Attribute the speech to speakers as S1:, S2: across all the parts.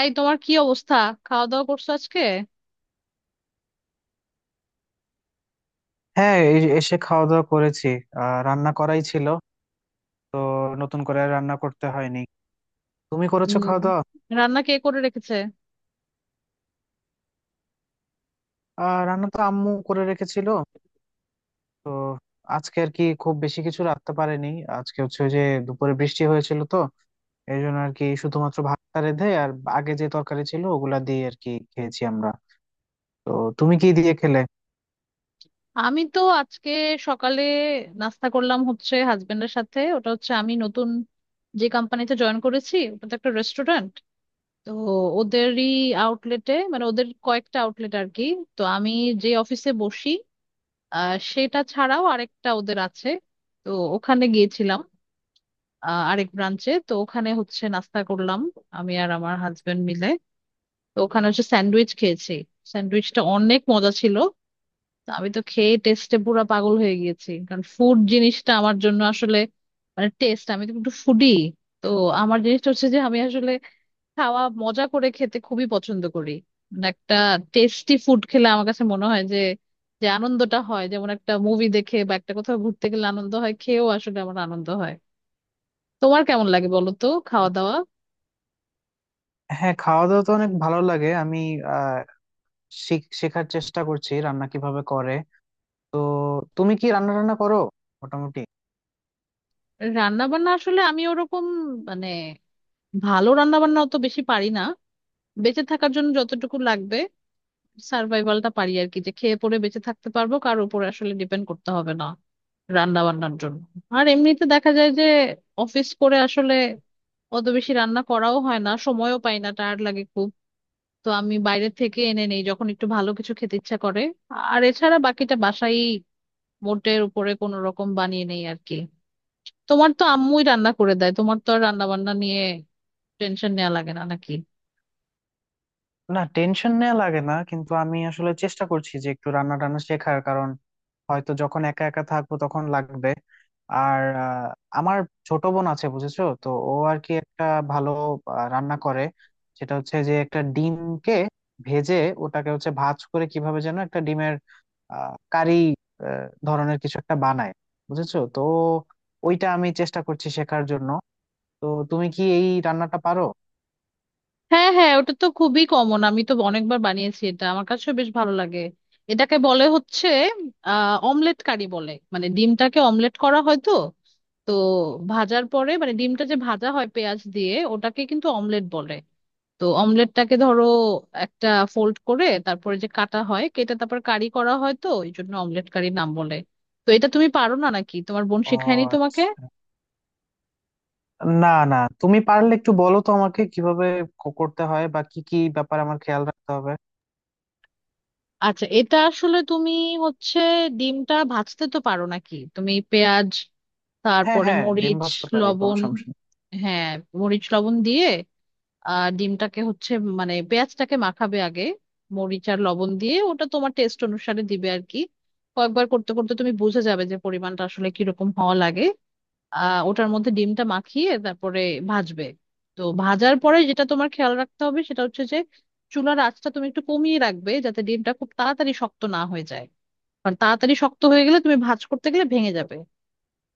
S1: এই তোমার কি অবস্থা? খাওয়া দাওয়া করছো আজকে?
S2: হ্যাঁ, এই এসে খাওয়া দাওয়া করেছি। রান্না করাই ছিল, তো নতুন করে আর রান্না করতে হয়নি। তুমি করেছো
S1: হুম।
S2: খাওয়া দাওয়া?
S1: রান্না কে করে রেখেছে?
S2: রান্না তো আম্মু করে রেখেছিল। আজকে আর কি খুব বেশি কিছু রাখতে পারেনি। আজকে হচ্ছে ওই যে, দুপুরে বৃষ্টি হয়েছিল তো, এই জন্য আর কি শুধুমাত্র ভাতটা রেঁধে আর আগে যে তরকারি ছিল ওগুলা দিয়ে আর কি খেয়েছি আমরা। তো তুমি কি দিয়ে খেলে?
S1: আমি তো আজকে সকালে নাস্তা করলাম হচ্ছে হাজবেন্ডের সাথে, ওটা হচ্ছে আমি নতুন যে কোম্পানিতে জয়েন করেছি ওটা তো একটা রেস্টুরেন্ট। তো ওদেরই আউটলেটে, মানে ওদের কয়েকটা আউটলেট আর কি। তো আমি যে অফিসে বসি, সেটা ছাড়াও আরেকটা ওদের আছে, তো ওখানে গিয়েছিলাম। আরেক ব্রাঞ্চে, তো ওখানে হচ্ছে নাস্তা করলাম আমি আর আমার হাজবেন্ড মিলে। তো ওখানে হচ্ছে স্যান্ডউইচ খেয়েছি, স্যান্ডউইচটা অনেক মজা ছিল। তো আমি তো খেয়ে টেস্টে পুরা পাগল হয়ে গিয়েছি, কারণ ফুড জিনিসটা আমার জন্য আসলে, মানে টেস্ট, আমি তো একটু ফুডি। তো আমার জিনিসটা হচ্ছে যে আমি আসলে খাওয়া মজা করে খেতে খুবই পছন্দ করি। মানে একটা টেস্টি ফুড খেলে আমার কাছে মনে হয় যে, যে আনন্দটা হয় যেমন একটা মুভি দেখে বা একটা কোথাও ঘুরতে গেলে আনন্দ হয়, খেয়েও আসলে আমার আনন্দ হয়। তোমার কেমন লাগে বলো তো, খাওয়া দাওয়া?
S2: হ্যাঁ, খাওয়া দাওয়া তো অনেক ভালো লাগে। আমি আহ শেখার চেষ্টা করছি রান্না কিভাবে করে। তো তুমি কি রান্না টান্না করো? মোটামুটি।
S1: রান্না বান্না আসলে আমি ওরকম, মানে ভালো রান্না বান্না অত বেশি পারি না। বেঁচে থাকার জন্য যতটুকু লাগবে সার্ভাইভালটা পারি আর কি, যে খেয়ে পরে বেঁচে থাকতে পারবো, কার উপরে আসলে ডিপেন্ড করতে হবে না রান্না বান্নার জন্য। আর এমনিতে দেখা যায় যে অফিস করে আসলে অত বেশি রান্না করাও হয় না, সময়ও পাই না, টায়ার্ড লাগে খুব। তো আমি বাইরে থেকে এনে নেই যখন একটু ভালো কিছু খেতে ইচ্ছা করে। আর এছাড়া বাকিটা বাসায় মোটের উপরে কোনো রকম বানিয়ে নেই আর কি। তোমার তো আম্মুই রান্না করে দেয়, তোমার তো আর রান্না বান্না নিয়ে টেনশন নেওয়া লাগে না নাকি?
S2: না, টেনশন নেওয়া লাগে না, কিন্তু আমি আসলে চেষ্টা করছি যে একটু রান্না টান্না শেখার, কারণ হয়তো যখন একা একা থাকবো তখন লাগবে। আর আমার ছোট বোন আছে, বুঝেছো তো, ও আর কি একটা ভালো রান্না করে। সেটা হচ্ছে যে, একটা ডিমকে ভেজে ওটাকে হচ্ছে ভাজ করে কিভাবে যেন একটা ডিমের কারি ধরনের কিছু একটা বানায়, বুঝেছো তো। ওইটা আমি চেষ্টা করছি শেখার জন্য। তো তুমি কি এই রান্নাটা পারো?
S1: হ্যাঁ হ্যাঁ, ওটা তো খুবই কমন, আমি তো অনেকবার বানিয়েছি, এটা আমার কাছে বেশ ভালো লাগে। এটাকে বলে হচ্ছে অমলেট কারি বলে, মানে ডিমটাকে অমলেট করা হয় তো। তো ভাজার পরে, মানে ডিমটা যে ভাজা হয় পেঁয়াজ দিয়ে, ওটাকে কিন্তু অমলেট বলে। তো অমলেটটাকে ধরো একটা ফোল্ড করে তারপরে যে কাটা হয়, কেটে তারপর কারি করা হয়, তো এই জন্য অমলেট কারি নাম বলে। তো এটা তুমি পারো না নাকি? তোমার বোন
S2: ও
S1: শেখায়নি তোমাকে?
S2: আচ্ছা। না না, তুমি পারলে একটু বলো তো আমাকে, কিভাবে করতে হয় বা কি কি ব্যাপারে আমার খেয়াল রাখতে হবে।
S1: আচ্ছা, এটা আসলে তুমি হচ্ছে, ডিমটা ভাজতে তো পারো নাকি? তুমি পেঁয়াজ,
S2: হ্যাঁ
S1: তারপরে
S2: হ্যাঁ, ডিম
S1: মরিচ,
S2: ভাজতে পারি, কোনো
S1: লবণ।
S2: সমস্যা নেই।
S1: হ্যাঁ। মরিচ লবণ দিয়ে, আর ডিমটাকে হচ্ছে, মানে পেঁয়াজটাকে মাখাবে আগে মরিচ আর লবণ দিয়ে, ওটা তোমার টেস্ট অনুসারে দিবে আর কি। কয়েকবার করতে করতে তুমি বুঝে যাবে যে পরিমাণটা আসলে কিরকম হওয়া লাগে। ওটার মধ্যে ডিমটা মাখিয়ে তারপরে ভাজবে। তো ভাজার পরে যেটা তোমার খেয়াল রাখতে হবে সেটা হচ্ছে যে চুলার আঁচটা তুমি একটু কমিয়ে রাখবে, যাতে ডিমটা খুব তাড়াতাড়ি শক্ত না হয়ে যায়। কারণ তাড়াতাড়ি শক্ত হয়ে গেলে তুমি ভাজ করতে গেলে ভেঙে যাবে।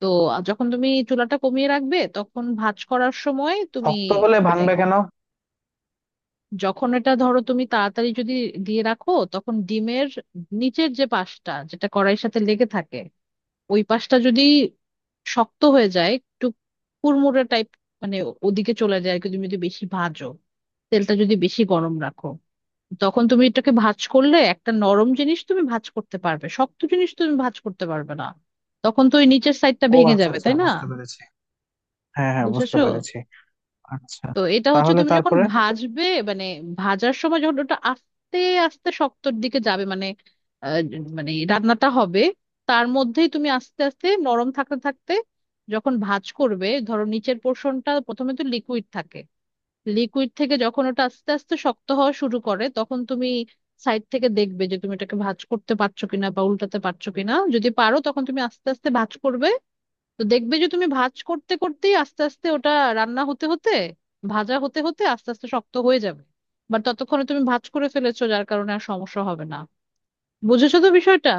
S1: তো যখন তুমি চুলাটা কমিয়ে রাখবে তখন ভাঁজ করার সময় তুমি,
S2: শক্ত হলে
S1: মানে
S2: ভাঙবে কেন?
S1: যখন এটা ধরো তুমি তাড়াতাড়ি যদি দিয়ে রাখো, তখন ডিমের নিচের যে পাশটা যেটা কড়াইয়ের সাথে লেগে থাকে, ওই পাশটা যদি শক্ত হয়ে যায়, একটু কুড়মুড়ে টাইপ, মানে ওদিকে চলে যায় আর কি, তুমি যদি বেশি ভাজো, তেলটা যদি বেশি গরম রাখো, তখন তুমি এটাকে ভাঁজ করলে, একটা নরম জিনিস তুমি ভাঁজ করতে পারবে, শক্ত জিনিস তুমি ভাঁজ করতে পারবে না। তখন তো ওই নিচের সাইডটা
S2: ও
S1: ভেঙে
S2: আচ্ছা
S1: যাবে
S2: আচ্ছা,
S1: তাই না?
S2: বুঝতে পেরেছি। হ্যাঁ হ্যাঁ, বুঝতে
S1: বুঝেছো
S2: পেরেছি। আচ্ছা,
S1: তো। এটা হচ্ছে
S2: তাহলে
S1: তুমি যখন
S2: তারপরে?
S1: ভাজবে, মানে ভাজার সময় যখন ওটা আস্তে আস্তে শক্তর দিকে যাবে, মানে আহ, মানে রান্নাটা হবে, তার মধ্যেই তুমি আস্তে আস্তে নরম থাকতে থাকতে যখন ভাজ করবে, ধরো নিচের পোর্শনটা প্রথমে তো লিকুইড থাকে। লিকুইড থেকে যখন ওটা আস্তে আস্তে শক্ত হওয়া শুরু করে, তখন তুমি সাইড থেকে দেখবে যে তুমি এটাকে ভাজ করতে পারছো কিনা বা উল্টাতে পারছো কিনা, যদি পারো তখন তুমি আস্তে আস্তে ভাজ করবে। তো দেখবে যে তুমি ভাঁজ করতে করতেই আস্তে আস্তে ওটা রান্না হতে হতে, ভাজা হতে হতে আস্তে আস্তে শক্ত হয়ে যাবে। বাট ততক্ষণে তুমি ভাঁজ করে ফেলেছো, যার কারণে আর সমস্যা হবে না। বুঝেছো তো বিষয়টা?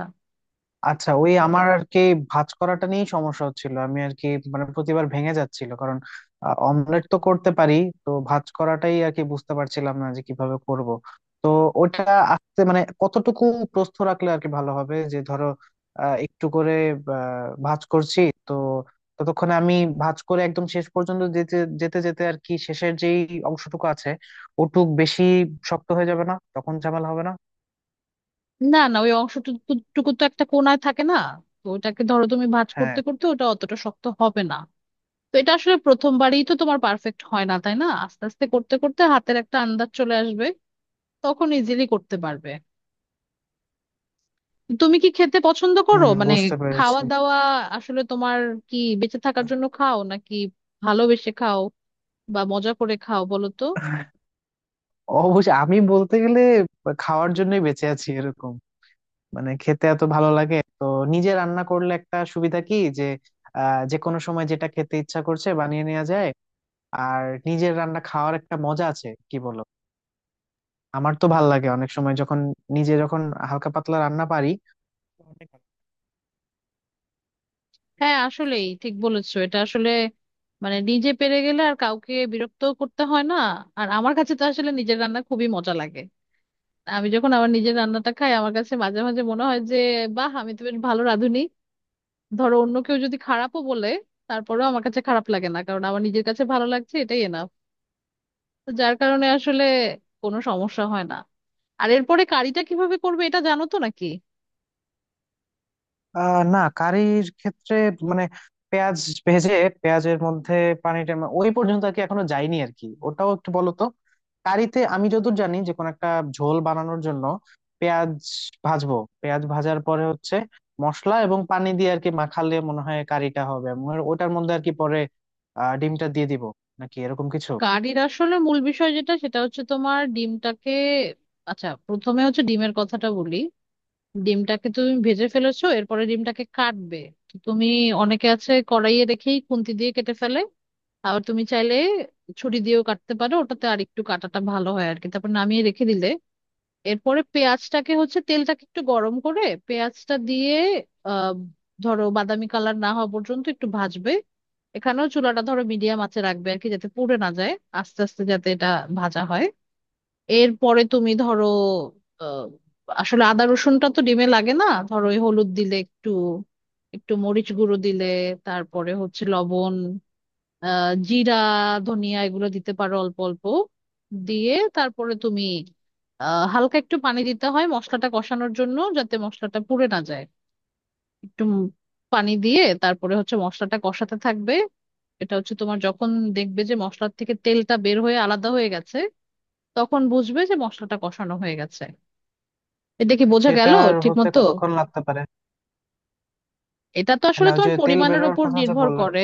S2: আচ্ছা, ওই আমার আর কি ভাঁজ করাটা নিয়েই সমস্যা হচ্ছিল। আমি আর কি, মানে প্রতিবার ভেঙে যাচ্ছিল, কারণ অমলেট তো করতে পারি, তো ভাঁজ করাটাই আর কি বুঝতে পারছিলাম না যে কিভাবে করব। তো ওটা আসতে মানে কতটুকু প্রস্থ রাখলে আর কি ভালো হবে, যে ধরো একটু করে ভাঁজ করছি, তো ততক্ষণে আমি ভাঁজ করে একদম শেষ পর্যন্ত যেতে যেতে যেতে আর কি শেষের যেই অংশটুকু আছে ওটুক বেশি শক্ত হয়ে যাবে না, তখন ঝামেলা হবে না।
S1: না না, ওই অংশটুকু তো একটা কোণায় থাকে না, তো ওটাকে ধরো তুমি ভাঁজ
S2: হ্যাঁ।
S1: করতে করতে ওটা অতটা শক্ত হবে না। তো এটা আসলে প্রথমবারই তো তোমার পারফেক্ট হয় না তাই না, আস্তে আস্তে করতে করতে হাতের একটা আন্দাজ চলে আসবে, তখন ইজিলি করতে পারবে। তুমি কি খেতে পছন্দ করো
S2: হুম,
S1: মানে,
S2: বুঝতে
S1: খাওয়া
S2: পেরেছি।
S1: দাওয়া আসলে তোমার কি, বেঁচে থাকার জন্য খাও নাকি ভালোবেসে খাও, বা মজা করে খাও, বলো তো?
S2: অবশ্যই, আমি বলতে গেলে খাওয়ার জন্যই বেঁচে আছি এরকম, মানে খেতে এত ভালো লাগে তো। নিজে রান্না করলে একটা সুবিধা, কি যে যে কোনো সময় যেটা খেতে ইচ্ছা করছে বানিয়ে নেওয়া যায়। আর নিজের রান্না খাওয়ার একটা মজা আছে, কি বলো? আমার তো ভাল লাগে অনেক সময়, যখন নিজে যখন হালকা পাতলা রান্না পারি।
S1: হ্যাঁ আসলেই ঠিক বলেছো, এটা আসলে মানে নিজে পেরে গেলে আর কাউকে বিরক্ত করতে হয় না। আর আমার কাছে তো আসলে নিজের রান্না খুবই মজা লাগে। আমি যখন আমার নিজের রান্নাটা খাই, আমার কাছে মাঝে মাঝে মনে হয় যে, বাহ আমি তো বেশ ভালো রাঁধুনি। ধরো অন্য কেউ যদি খারাপও বলে, তারপরেও আমার কাছে খারাপ লাগে না, কারণ আমার নিজের কাছে ভালো লাগছে এটাই এনাফ। তো যার কারণে আসলে কোনো সমস্যা হয় না। আর এরপরে কারিটা কিভাবে করবে এটা জানো তো নাকি?
S2: না, কারির ক্ষেত্রে মানে পেঁয়াজ ভেজে পেঁয়াজের মধ্যে পানিটা ওই পর্যন্ত আর কি এখনো যায়নি আর কি, ওটাও একটু বলো তো। কারিতে আমি যতদূর জানি যে, কোনো একটা ঝোল বানানোর জন্য পেঁয়াজ ভাজবো, পেঁয়াজ ভাজার পরে হচ্ছে মশলা এবং পানি দিয়ে আর কি মাখালে মনে হয় কারিটা হবে, আমার ওটার মধ্যে আর কি পরে ডিমটা দিয়ে দিব নাকি এরকম কিছু।
S1: কারির আসলে মূল বিষয় যেটা সেটা হচ্ছে তোমার ডিমটাকে, আচ্ছা প্রথমে হচ্ছে ডিমের কথাটা বলি। ডিমটাকে তুমি ভেজে ফেলেছো, এরপরে ডিমটাকে কাটবে। তো তুমি, অনেকে আছে কড়াইয়ে দেখেই খুন্তি দিয়ে কেটে ফেলে, আবার তুমি চাইলে ছুরি দিয়েও কাটতে পারো, ওটাতে আর একটু কাটাটা ভালো হয় আর কি, তারপর নামিয়ে রেখে দিলে। এরপরে পেঁয়াজটাকে হচ্ছে, তেলটাকে একটু গরম করে পেঁয়াজটা দিয়ে, আহ ধরো বাদামি কালার না হওয়া পর্যন্ত একটু ভাজবে। এখানেও চুলাটা ধরো মিডিয়াম আঁচে রাখবে আর কি, যাতে পুড়ে না যায়, আস্তে আস্তে যাতে এটা ভাজা হয়। এরপরে তুমি ধরো আহ, আসলে আদা রসুনটা তো ডিমে লাগে না, ধরো ওই হলুদ দিলে একটু, একটু মরিচ গুঁড়ো দিলে, তারপরে হচ্ছে লবণ, জিরা, ধনিয়া, এগুলো দিতে পারো অল্প অল্প। দিয়ে তারপরে তুমি হালকা একটু পানি দিতে হয় মশলাটা কষানোর জন্য, যাতে মশলাটা পুড়ে না যায়। একটু পানি দিয়ে তারপরে হচ্ছে মশলাটা কষাতে থাকবে। এটা হচ্ছে তোমার যখন দেখবে যে মশলার থেকে তেলটা বের হয়ে আলাদা হয়ে গেছে, তখন বুঝবে যে মশলাটা কষানো হয়ে গেছে। এটা কি বোঝা গেল?
S2: সেটার
S1: ঠিক
S2: হতে
S1: মতো,
S2: কতক্ষণ লাগতে পারে?
S1: এটা তো
S2: না,
S1: আসলে
S2: ওই
S1: তোমার
S2: যে তেল
S1: পরিমাণের
S2: বেরোনোর
S1: উপর
S2: কথা যে
S1: নির্ভর
S2: বললাম।
S1: করে,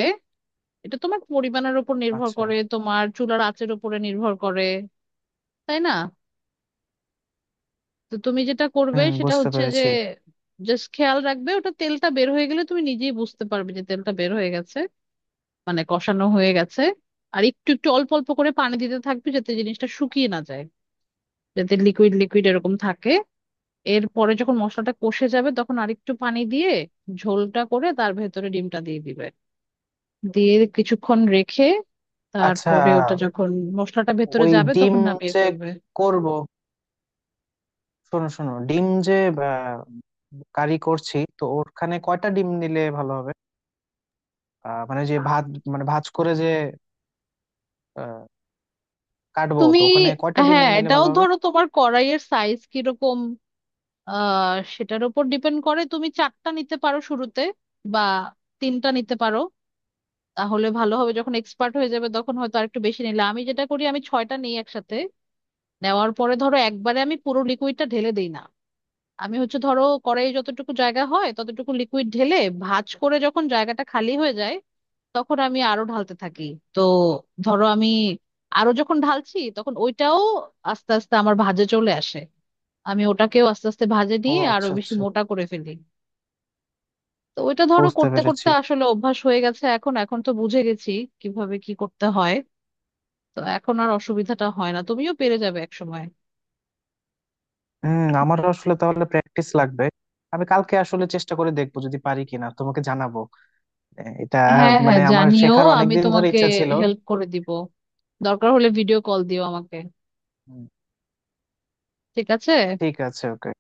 S1: এটা তোমার পরিমাণের উপর নির্ভর
S2: আচ্ছা।
S1: করে, তোমার চুলার আঁচের উপরে নির্ভর করে, তাই না? তো তুমি যেটা করবে
S2: হুম,
S1: সেটা
S2: বুঝতে
S1: হচ্ছে যে
S2: পেরেছি।
S1: জাস্ট খেয়াল রাখবে ওটা, তেলটা বের হয়ে গেলে তুমি নিজেই বুঝতে পারবে যে তেলটা বের হয়ে গেছে, মানে কষানো হয়ে গেছে। আর একটু একটু অল্প অল্প করে পানি দিতে থাকবে, যাতে জিনিসটা শুকিয়ে না যায়, যাতে লিকুইড লিকুইড এরকম থাকে। এরপরে যখন মশলাটা কষে যাবে, তখন আরেকটু পানি দিয়ে ঝোলটা করে তার ভেতরে ডিমটা দিয়ে দিবে, দিয়ে কিছুক্ষণ রেখে,
S2: আচ্ছা,
S1: তারপরে ওটা যখন মশলাটা ভেতরে
S2: ওই
S1: যাবে
S2: ডিম
S1: তখন নামিয়ে
S2: যে
S1: ফেলবে।
S2: করব, শোনো শোনো, ডিম যে আহ, কারি করছি, তো ওখানে কয়টা ডিম নিলে ভালো হবে? মানে যে ভাত, মানে ভাজ করে যে আহ, কাটবো
S1: তুমি,
S2: তো ওখানে কয়টা ডিম
S1: হ্যাঁ
S2: নিলে
S1: এটাও
S2: ভালো হবে?
S1: ধরো তোমার কড়াইয়ের সাইজ কিরকম, আহ সেটার উপর ডিপেন্ড করে। তুমি চারটা নিতে পারো শুরুতে, বা তিনটা নিতে পারো, তাহলে ভালো হবে। যখন এক্সপার্ট হয়ে যাবে তখন হয়তো আরেকটু বেশি নিলে, আমি যেটা করি আমি ছয়টা নিই একসাথে। নেওয়ার পরে ধরো একবারে আমি পুরো লিকুইডটা ঢেলে দিই না, আমি হচ্ছে ধরো কড়াইয়ে যতটুকু জায়গা হয় ততটুকু লিকুইড ঢেলে ভাঁজ করে, যখন জায়গাটা খালি হয়ে যায় তখন আমি আরো ঢালতে থাকি। তো ধরো আমি আরো যখন ঢালছি তখন ওইটাও আস্তে আস্তে আমার ভাঁজে চলে আসে, আমি ওটাকেও আস্তে আস্তে ভাজে
S2: ও
S1: নিয়ে আরো
S2: আচ্ছা
S1: বেশি
S2: আচ্ছা,
S1: মোটা করে ফেলি। তো ওইটা ধরো
S2: বুঝতে
S1: করতে
S2: পেরেছি।
S1: করতে আসলে অভ্যাস হয়ে গেছে, এখন এখন তো বুঝে গেছি কিভাবে কি করতে হয়। তো এখন আর অসুবিধাটা হয় না, তুমিও পেরে যাবে এক সময়।
S2: হম, আমারও আসলে তাহলে প্র্যাকটিস লাগবে। আমি কালকে আসলে চেষ্টা করে দেখবো, যদি পারি কিনা তোমাকে জানাবো। এটা
S1: হ্যাঁ হ্যাঁ
S2: মানে আমার
S1: জানিও,
S2: শেখার
S1: আমি
S2: অনেকদিন ধরে
S1: তোমাকে
S2: ইচ্ছা ছিল।
S1: হেল্প করে দিব। দরকার হলে ভিডিও কল দিও আমাকে।
S2: হুম,
S1: ঠিক আছে।
S2: ঠিক আছে, ওকে।